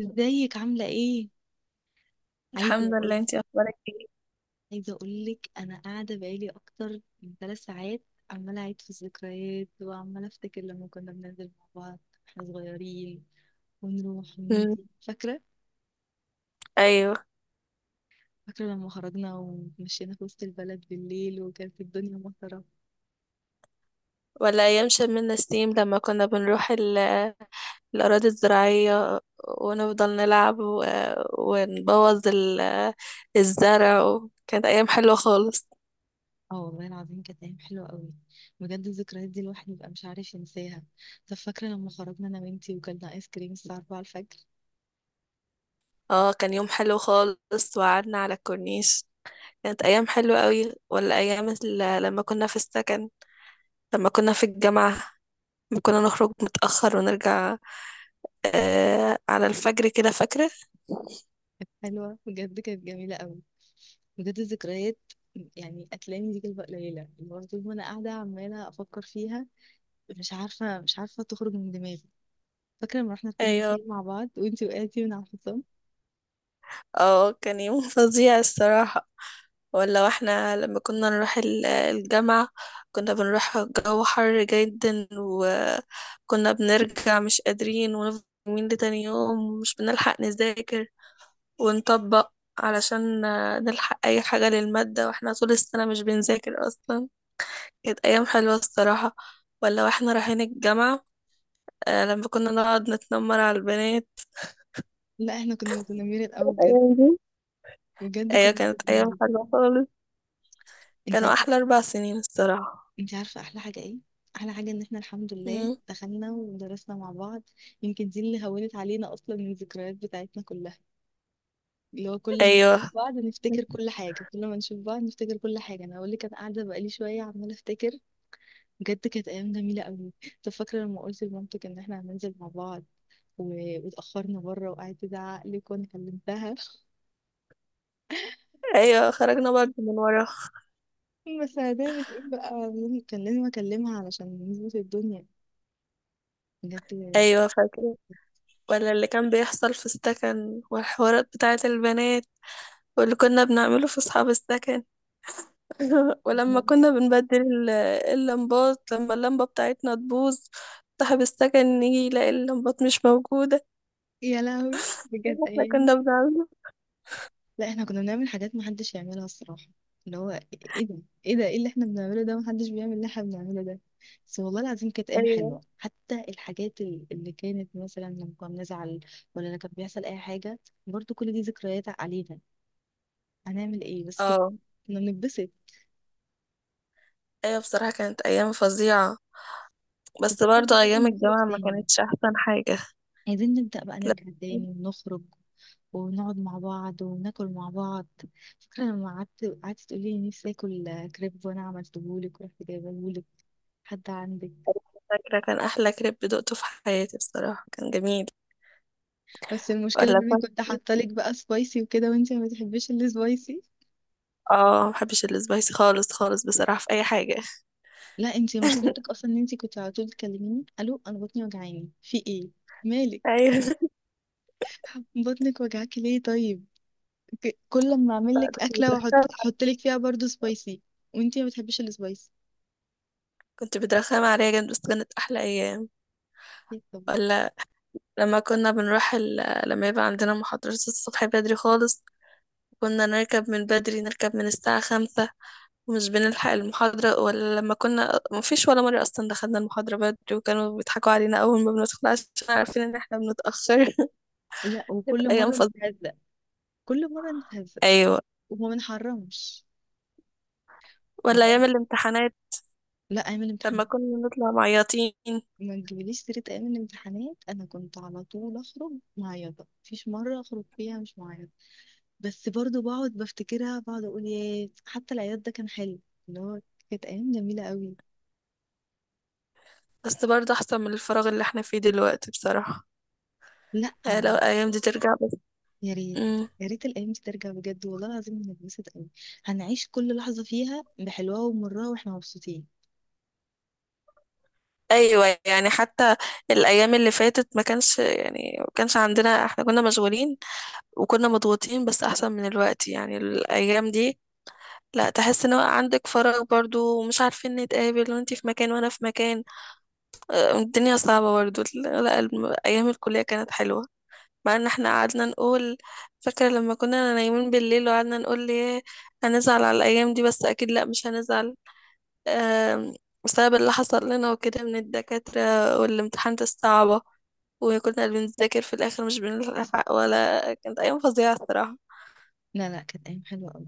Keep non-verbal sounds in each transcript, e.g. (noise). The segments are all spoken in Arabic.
ازيك عاملة ايه؟ عايزة الحمد لله، اقول انتي اخبارك ايه؟ عايزة اقولك انا قاعدة بقالي اكتر من 3 ساعات، عمالة اعيد في الذكريات وعمالة افتكر لما كنا بننزل مع بعض واحنا صغيرين ونروح مم. ونيجي، فاكرة؟ ايوه. فاكرة لما خرجنا ومشينا في وسط البلد بالليل وكانت الدنيا مطرة. ولا ايام شم ستيم لما كنا بنروح الاراضي الزراعيه، ونفضل نلعب ونبوظ الزرع كانت ايام حلوه خالص. اه والله العظيم كانت ايام حلوة قوي. بجد الذكريات دي الواحد بيبقى مش عارف ينساها. طب فاكرة لما خرجنا انا وانتي وكلنا ايس كريم الساعة 4 الفجر؟ اه، كان يوم حلو خالص وقعدنا على الكورنيش. كانت ايام حلوه قوي، ولا ايام لما كنا في السكن، لما كنا في الجامعه، لما كنا نخرج متاخر ونرجع على الفجر كده، فاكره؟ حلوة بجد، كانت جميلة قوي. بجد الذكريات. يعني هتلاقيني دي كلمة قليلة، اللي هو طول ما أنا قاعدة عمالة أفكر فيها. مش عارفة تخرج من دماغي. فاكرة لما رحنا ركبنا ايوه. خيل مع بعض وأنتي وقعتي من على الحصان. اه، كان يوم (laughs) فظيع الصراحة. ولا واحنا لما كنا نروح الجامعة، كنا بنروح جو حر جدا وكنا بنرجع مش قادرين، ونفضل يومين لتاني يوم ومش بنلحق نذاكر ونطبق علشان نلحق أي حاجة للمادة، واحنا طول السنة مش بنذاكر أصلا. كانت أيام حلوة الصراحة. ولا واحنا رايحين الجامعة، لما كنا نقعد نتنمر على البنات، لا، احنا كنا متنمرين قوي بجد. الأيام دي. بجد كنا أيوة، كانت أيام متنمرين. حلوة خالص. أنت كانوا عارفة. احلى 4 سنين الصراحه. أنت عارفة أحلى حاجة إيه؟ أحلى حاجة إن احنا الحمد لله مم. دخلنا ودرسنا مع بعض. يمكن دي اللي هونت علينا أصلا من الذكريات بتاعتنا كلها، اللي هو كل ما نشوف ايوه. بعض نفتكر كل حاجة، كل ما نشوف بعض نفتكر كل حاجة. أنا أقول لك أنا قاعدة بقالي شوية عمالة أفتكر. بجد كانت أيام جميلة أوي. طب فاكرة لما قلت لمامتك إن إحنا هننزل مع بعض واتأخرنا بره وقعدت تزعق لك وأنا كلمتها (laughs) ايوه، خرجنا برضه من ورا. بس هنعمل إيه بقى، كان لازم أكلمها علشان نظبط الدنيا. بجد. ايوه فاكره. ولا اللي كان بيحصل في السكن والحوارات بتاعه البنات، واللي كنا بنعمله في اصحاب السكن. (laughs) ولما كنا بنبدل اللمبات، لما اللمبه بتاعتنا تبوظ صاحب السكن يجي يلاقي اللمبات مش موجوده. يا لهوي إيه بجد اللي احنا أيام. كنا بنعمله؟ لا، احنا كنا بنعمل حاجات محدش يعملها الصراحة. اللي هو، ايه ده، ايه ده، ايه اللي احنا بنعمله ده، محدش بيعمل اللي احنا بنعمله ده. بس والله العظيم كانت ايام ايوه. حلوة، حتى الحاجات اللي كانت مثلا لما كنا بنزعل. ولا لما كان بيحصل اي حاجة. برضو كل دي ذكريات علينا. هنعمل ايه بس، اه. كنا بنتبسط. ايوه، بصراحه كانت ايام فظيعه. بس بجد احنا برضه ايام لازم نخرج الجامعه ما تاني. كانتش احسن حاجه. عايزين نبدأ بقى لا. نرجع تاني ونخرج ونقعد مع بعض وناكل مع بعض. فاكرة لما قعدت تقولي نفسي اكل كريب، وانا عملتهولك ورحت جايبهولك. حد عندك؟ فاكرة كان أحلى كريب دقته في حياتي، بصراحة كان جميل. بس المشكلة ولا ان انا كنت. كنت حاطالك بقى سبايسي وكده وانتي ما بتحبيش السبايسي. اه، محبش السبايسي خالص خالص بصراحة في أي حاجة. لا انتي مشكلتك (laughs) اصلا ان انتي كنت على طول تكلميني الو، انا بطني وجعاني في ايه. مالك؟ أيوة، (laughs) بطنك وجعاكي ليه طيب؟ كل ما اعمل لك كنت اكله واحط بترخم. احط لك فيها برضو سبايسي. وانتي ما بتحبيش السبايسي. كنت بترخم عليها جامد، بس كانت أحلى أيام. ليه طبعا. ولا لما كنا بنروح لما يبقى عندنا محاضرات الصبح بدري خالص، كنا نركب من بدري، نركب من الساعة 5، ومش بنلحق المحاضرة، ولا لما كنا مفيش ولا مرة أصلا دخلنا المحاضرة بدري، وكانوا بيضحكوا علينا أول ما بندخل عشان عارفين إن احنا بنتأخر. لا، (laughs) كانت وكل أيام مره فظيعة. نتهزق كل مره نتهزق، أيوة. وما بنحرمش. ولا والله. أيام الامتحانات، لا اعمل امتحان. لما كنا نطلع معيطين. ما تجيبليش سيرة أيام الامتحانات، أنا كنت على طول أخرج معيطة، مفيش مرة أخرج فيها مش معيطة. بس برضو بقعد بفتكرها، بقعد أقول ياه، حتى العياط ده كان حلو. اللي هو كانت أيام جميلة قوي. بس برضه أحسن من الفراغ اللي احنا فيه دلوقتي بصراحة. لأ لو يعني. الأيام دي ترجع بس. يا ريت. مم. يا ريت الأيام دي ترجع، بجد والله العظيم هنتبسط قوي. هنعيش كل لحظة فيها بحلوها ومرها واحنا مبسوطين. أيوة يعني، حتى الأيام اللي فاتت ما كانش يعني ما كانش عندنا، احنا كنا مشغولين وكنا مضغوطين، بس أحسن من الوقت يعني الأيام دي. لا، تحس ان هو عندك فراغ برضو، ومش عارفين نتقابل، وانتي في مكان وانا في مكان. الدنيا صعبة برضو. لا، أيام الكلية كانت حلوة. مع ان احنا قعدنا نقول، فاكرة لما كنا نايمين بالليل وقعدنا نقول ليه هنزعل على الأيام دي؟ بس أكيد لأ، مش هنزعل. آم، بسبب اللي حصل لنا وكده من الدكاترة، والامتحانات الصعبة، وكنا بنذاكر في الآخر مش بنلحق، ولا كانت أيام فظيعة الصراحة. لا لا، كانت ايام حلوه قوي.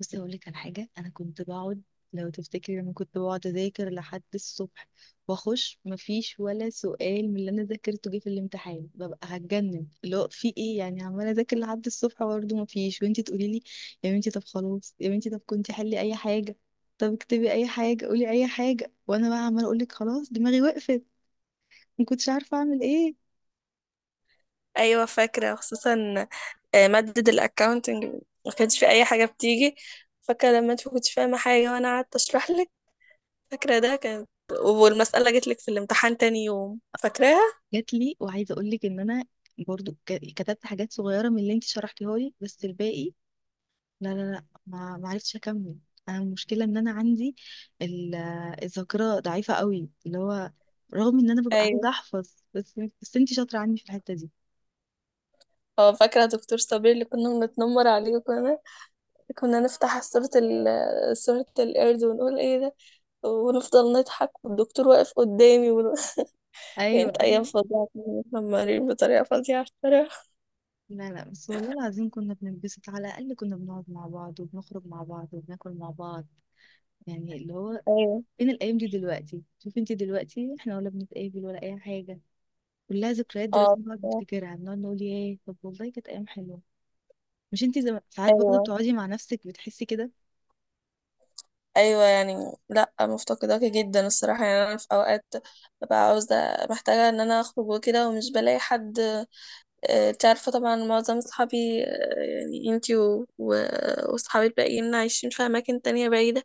بس اقول لك على حاجه، انا كنت بقعد لو تفتكري انا كنت بقعد اذاكر لحد الصبح. واخش مفيش ولا سؤال من اللي انا ذاكرته جه في الامتحان، ببقى هتجنن لو في ايه يعني، عماله اذاكر لحد الصبح برضه مفيش، وانتي تقولي لي يا بنتي طب خلاص، يا بنتي طب كنتي حلي اي حاجه. طب اكتبي اي حاجه، قولي اي حاجه، وانا بقى عماله اقول لك خلاص دماغي وقفت. ما كنتش عارفه اعمل ايه. أيوة فاكرة، خصوصا مادة الأكاونتنج، ما كانش في أي حاجة بتيجي. فاكرة لما أنت كنتش فاهمة حاجة وأنا قعدت أشرح لك، فاكرة ده كان، والمسألة جت لك في الامتحان تاني يوم، فاكراها؟ جات لي، وعايزه اقول لك ان انا برضو كتبت حاجات صغيرة من اللي انت شرحتيها لي، بس الباقي لا لا لا، ما عرفتش اكمل. انا المشكله ان انا عندي الذاكره ضعيفه قوي، اللي هو رغم ان انا ببقى عايزه احفظ، بس انتي شاطره عني في الحته دي. اه، فاكرة دكتور صابر اللي كنا بنتنمر عليه، وكنا نفتح صورة القرد، ونقول ايه ده، ونفضل نضحك والدكتور واقف قدامي (laughs) يعني ايوه كانت أيام ايوه. فظيعة، كنا متنمرين بطريقة فظيعة الصراحة. لا لا، بس والله العظيم كنا بننبسط، على الاقل كنا بنقعد مع بعض وبنخرج مع بعض وبناكل مع بعض، يعني اللي هو. ايوه. فين الايام دي دلوقتي؟ شوفي انتي دلوقتي احنا ولا بنتقابل ولا اي حاجه. كلها ذكريات اه دلوقتي، بنقعد بصراحة. نفتكرها بنقعد نقول ياه، طب والله كانت ايام حلوه. مش انتي ساعات برضه ايوه. بتقعدي مع نفسك بتحسي كده؟ ايوه يعني. لا، مفتقداك جدا الصراحه، يعني انا في اوقات ببقى عاوزه محتاجه ان انا اخرج وكده ومش بلاقي حد. انت عارفه طبعا معظم اصحابي، يعني انتي واصحابي الباقيين عايشين في اماكن تانية بعيده،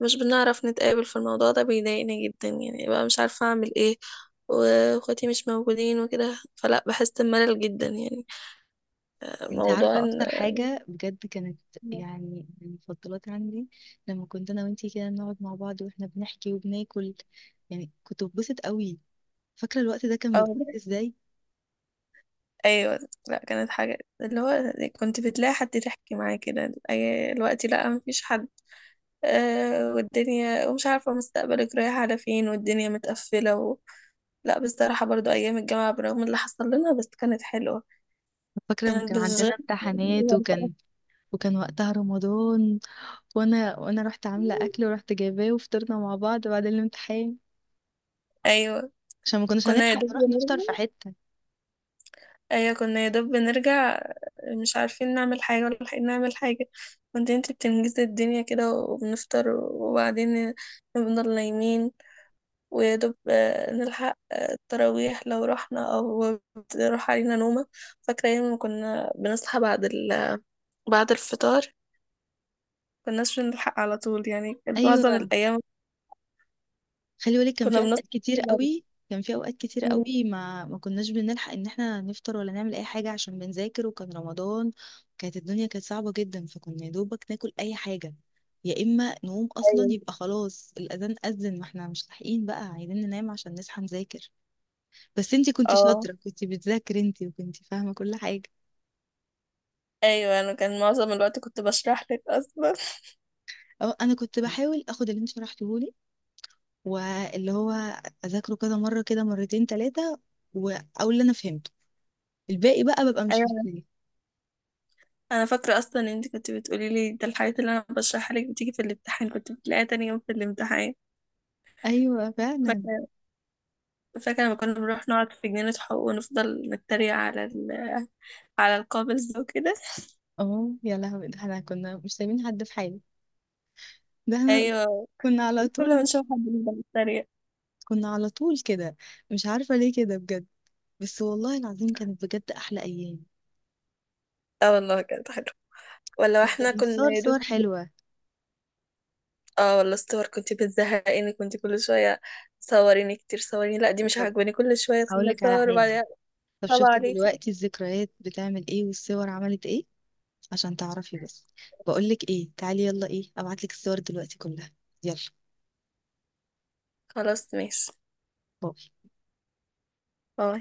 مش بنعرف نتقابل في الموضوع ده بيضايقني جدا، يعني بقى مش عارفة أعمل إيه. واخواتي مش موجودين وكده، فلا بحس بملل جدا يعني. انت موضوع عارفة إن. اكتر حاجة بجد كانت، يعني من المفضلات عندي، لما كنت انا وانتي كده نقعد مع بعض واحنا بنحكي وبناكل. يعني كنت ببسط قوي. فاكرة الوقت ده كان بيبقى أو. ازاي؟ أيوة. لا، كانت حاجة اللي هو، كنت بتلاقي حد تحكي معاه كده، الوقت لا مفيش حد. أه والدنيا، ومش عارفة مستقبلك رايح على فين، والدنيا متقفلة لا بصراحة، برضو أيام الجامعة برغم اللي حصل لنا بس كانت حلوة، فاكرة لما كان كانت بتشغل. عندنا امتحانات وكان (laughs) وكان وقتها رمضان، وانا رحت عاملة اكل ورحت جايباه وفطرنا مع بعض بعد الامتحان. أيوة، عشان ما كناش كنا يا هنلحق دوب. نروح نفطر في حتة. ايوه كنا يا دوب بنرجع، مش عارفين نعمل حاجة ولا لاحقين نعمل حاجة. كنت انت بتنجزي الدنيا كده، وبنفطر وبعدين بنفضل نايمين، ويا دوب نلحق التراويح لو رحنا، او بتروح علينا نومة. فاكرة ايام ما كنا بنصحى بعد بعد الفطار، كناش بنلحق على طول، يعني كانت معظم ايوه. الايام خلي بالك كان في كنا بنصحى اوقات كتير بعد قوي، كان في اوقات كتير الفطار. قوي ما كناش بنلحق ان احنا نفطر ولا نعمل اي حاجه عشان بنذاكر، وكان رمضان. كانت الدنيا كانت صعبه جدا، فكنا يا دوبك ناكل اي حاجه، يا اما نقوم اصلا ايوه. يبقى خلاص الاذان اذن، ما احنا مش لاحقين بقى، عايزين ننام عشان نصحى نذاكر. بس انتي كنتي اه. شاطره، كنتي بتذاكري انتي وكنتي فاهمه كل حاجه. ايوه، انا كان معظم الوقت كنت بشرح لك اصلا. (laughs) أو انا كنت بحاول اخد اللي انت شرحتهولي، واللي هو اذاكره كذا مره كده، مرتين ثلاثه، واقول اللي انا فهمته، الباقي بقى ببقى مش فاكره. انا فاكره اصلا ان انت كنت بتقولي لي ده الحاجات اللي انا بشرحها لك بتيجي في الامتحان، كنت بتلاقيها تاني يوم في الامتحان. ايوه فعلا. فاكره. فاكره لما كنا بنروح نقعد في جنينه حقوق، ونفضل نتريق على القابلز وكده. (laughs) اه يا لهوي، ده احنا كنا مش سايبين حد في حاله. ده احنا ايوه، كنا على كل ما طول نشوف حد نفضل نتريق. كنا على طول كده. مش عارفه ليه كده بجد. بس والله العظيم كانت بجد احلى ايام. اه والله كانت حلوه. ولا كنا احنا كنا بنصور يا صور دوب. حلوه. اه والله الصور كنت بتزهقيني، كنت كل شويه صوريني كتير، صوريني لا دي مش طب عاجباني، كل شويه هقول تخليني لك على اصور حاجه. وبعدين. طب صعب شفتي عليكي. دلوقتي الذكريات بتعمل ايه والصور عملت ايه؟ عشان تعرفي بس، بقول لك ايه، تعالي يلا، ايه؟ ابعت لك الصور دلوقتي كلها. يلا. خلاص ماشي. باي.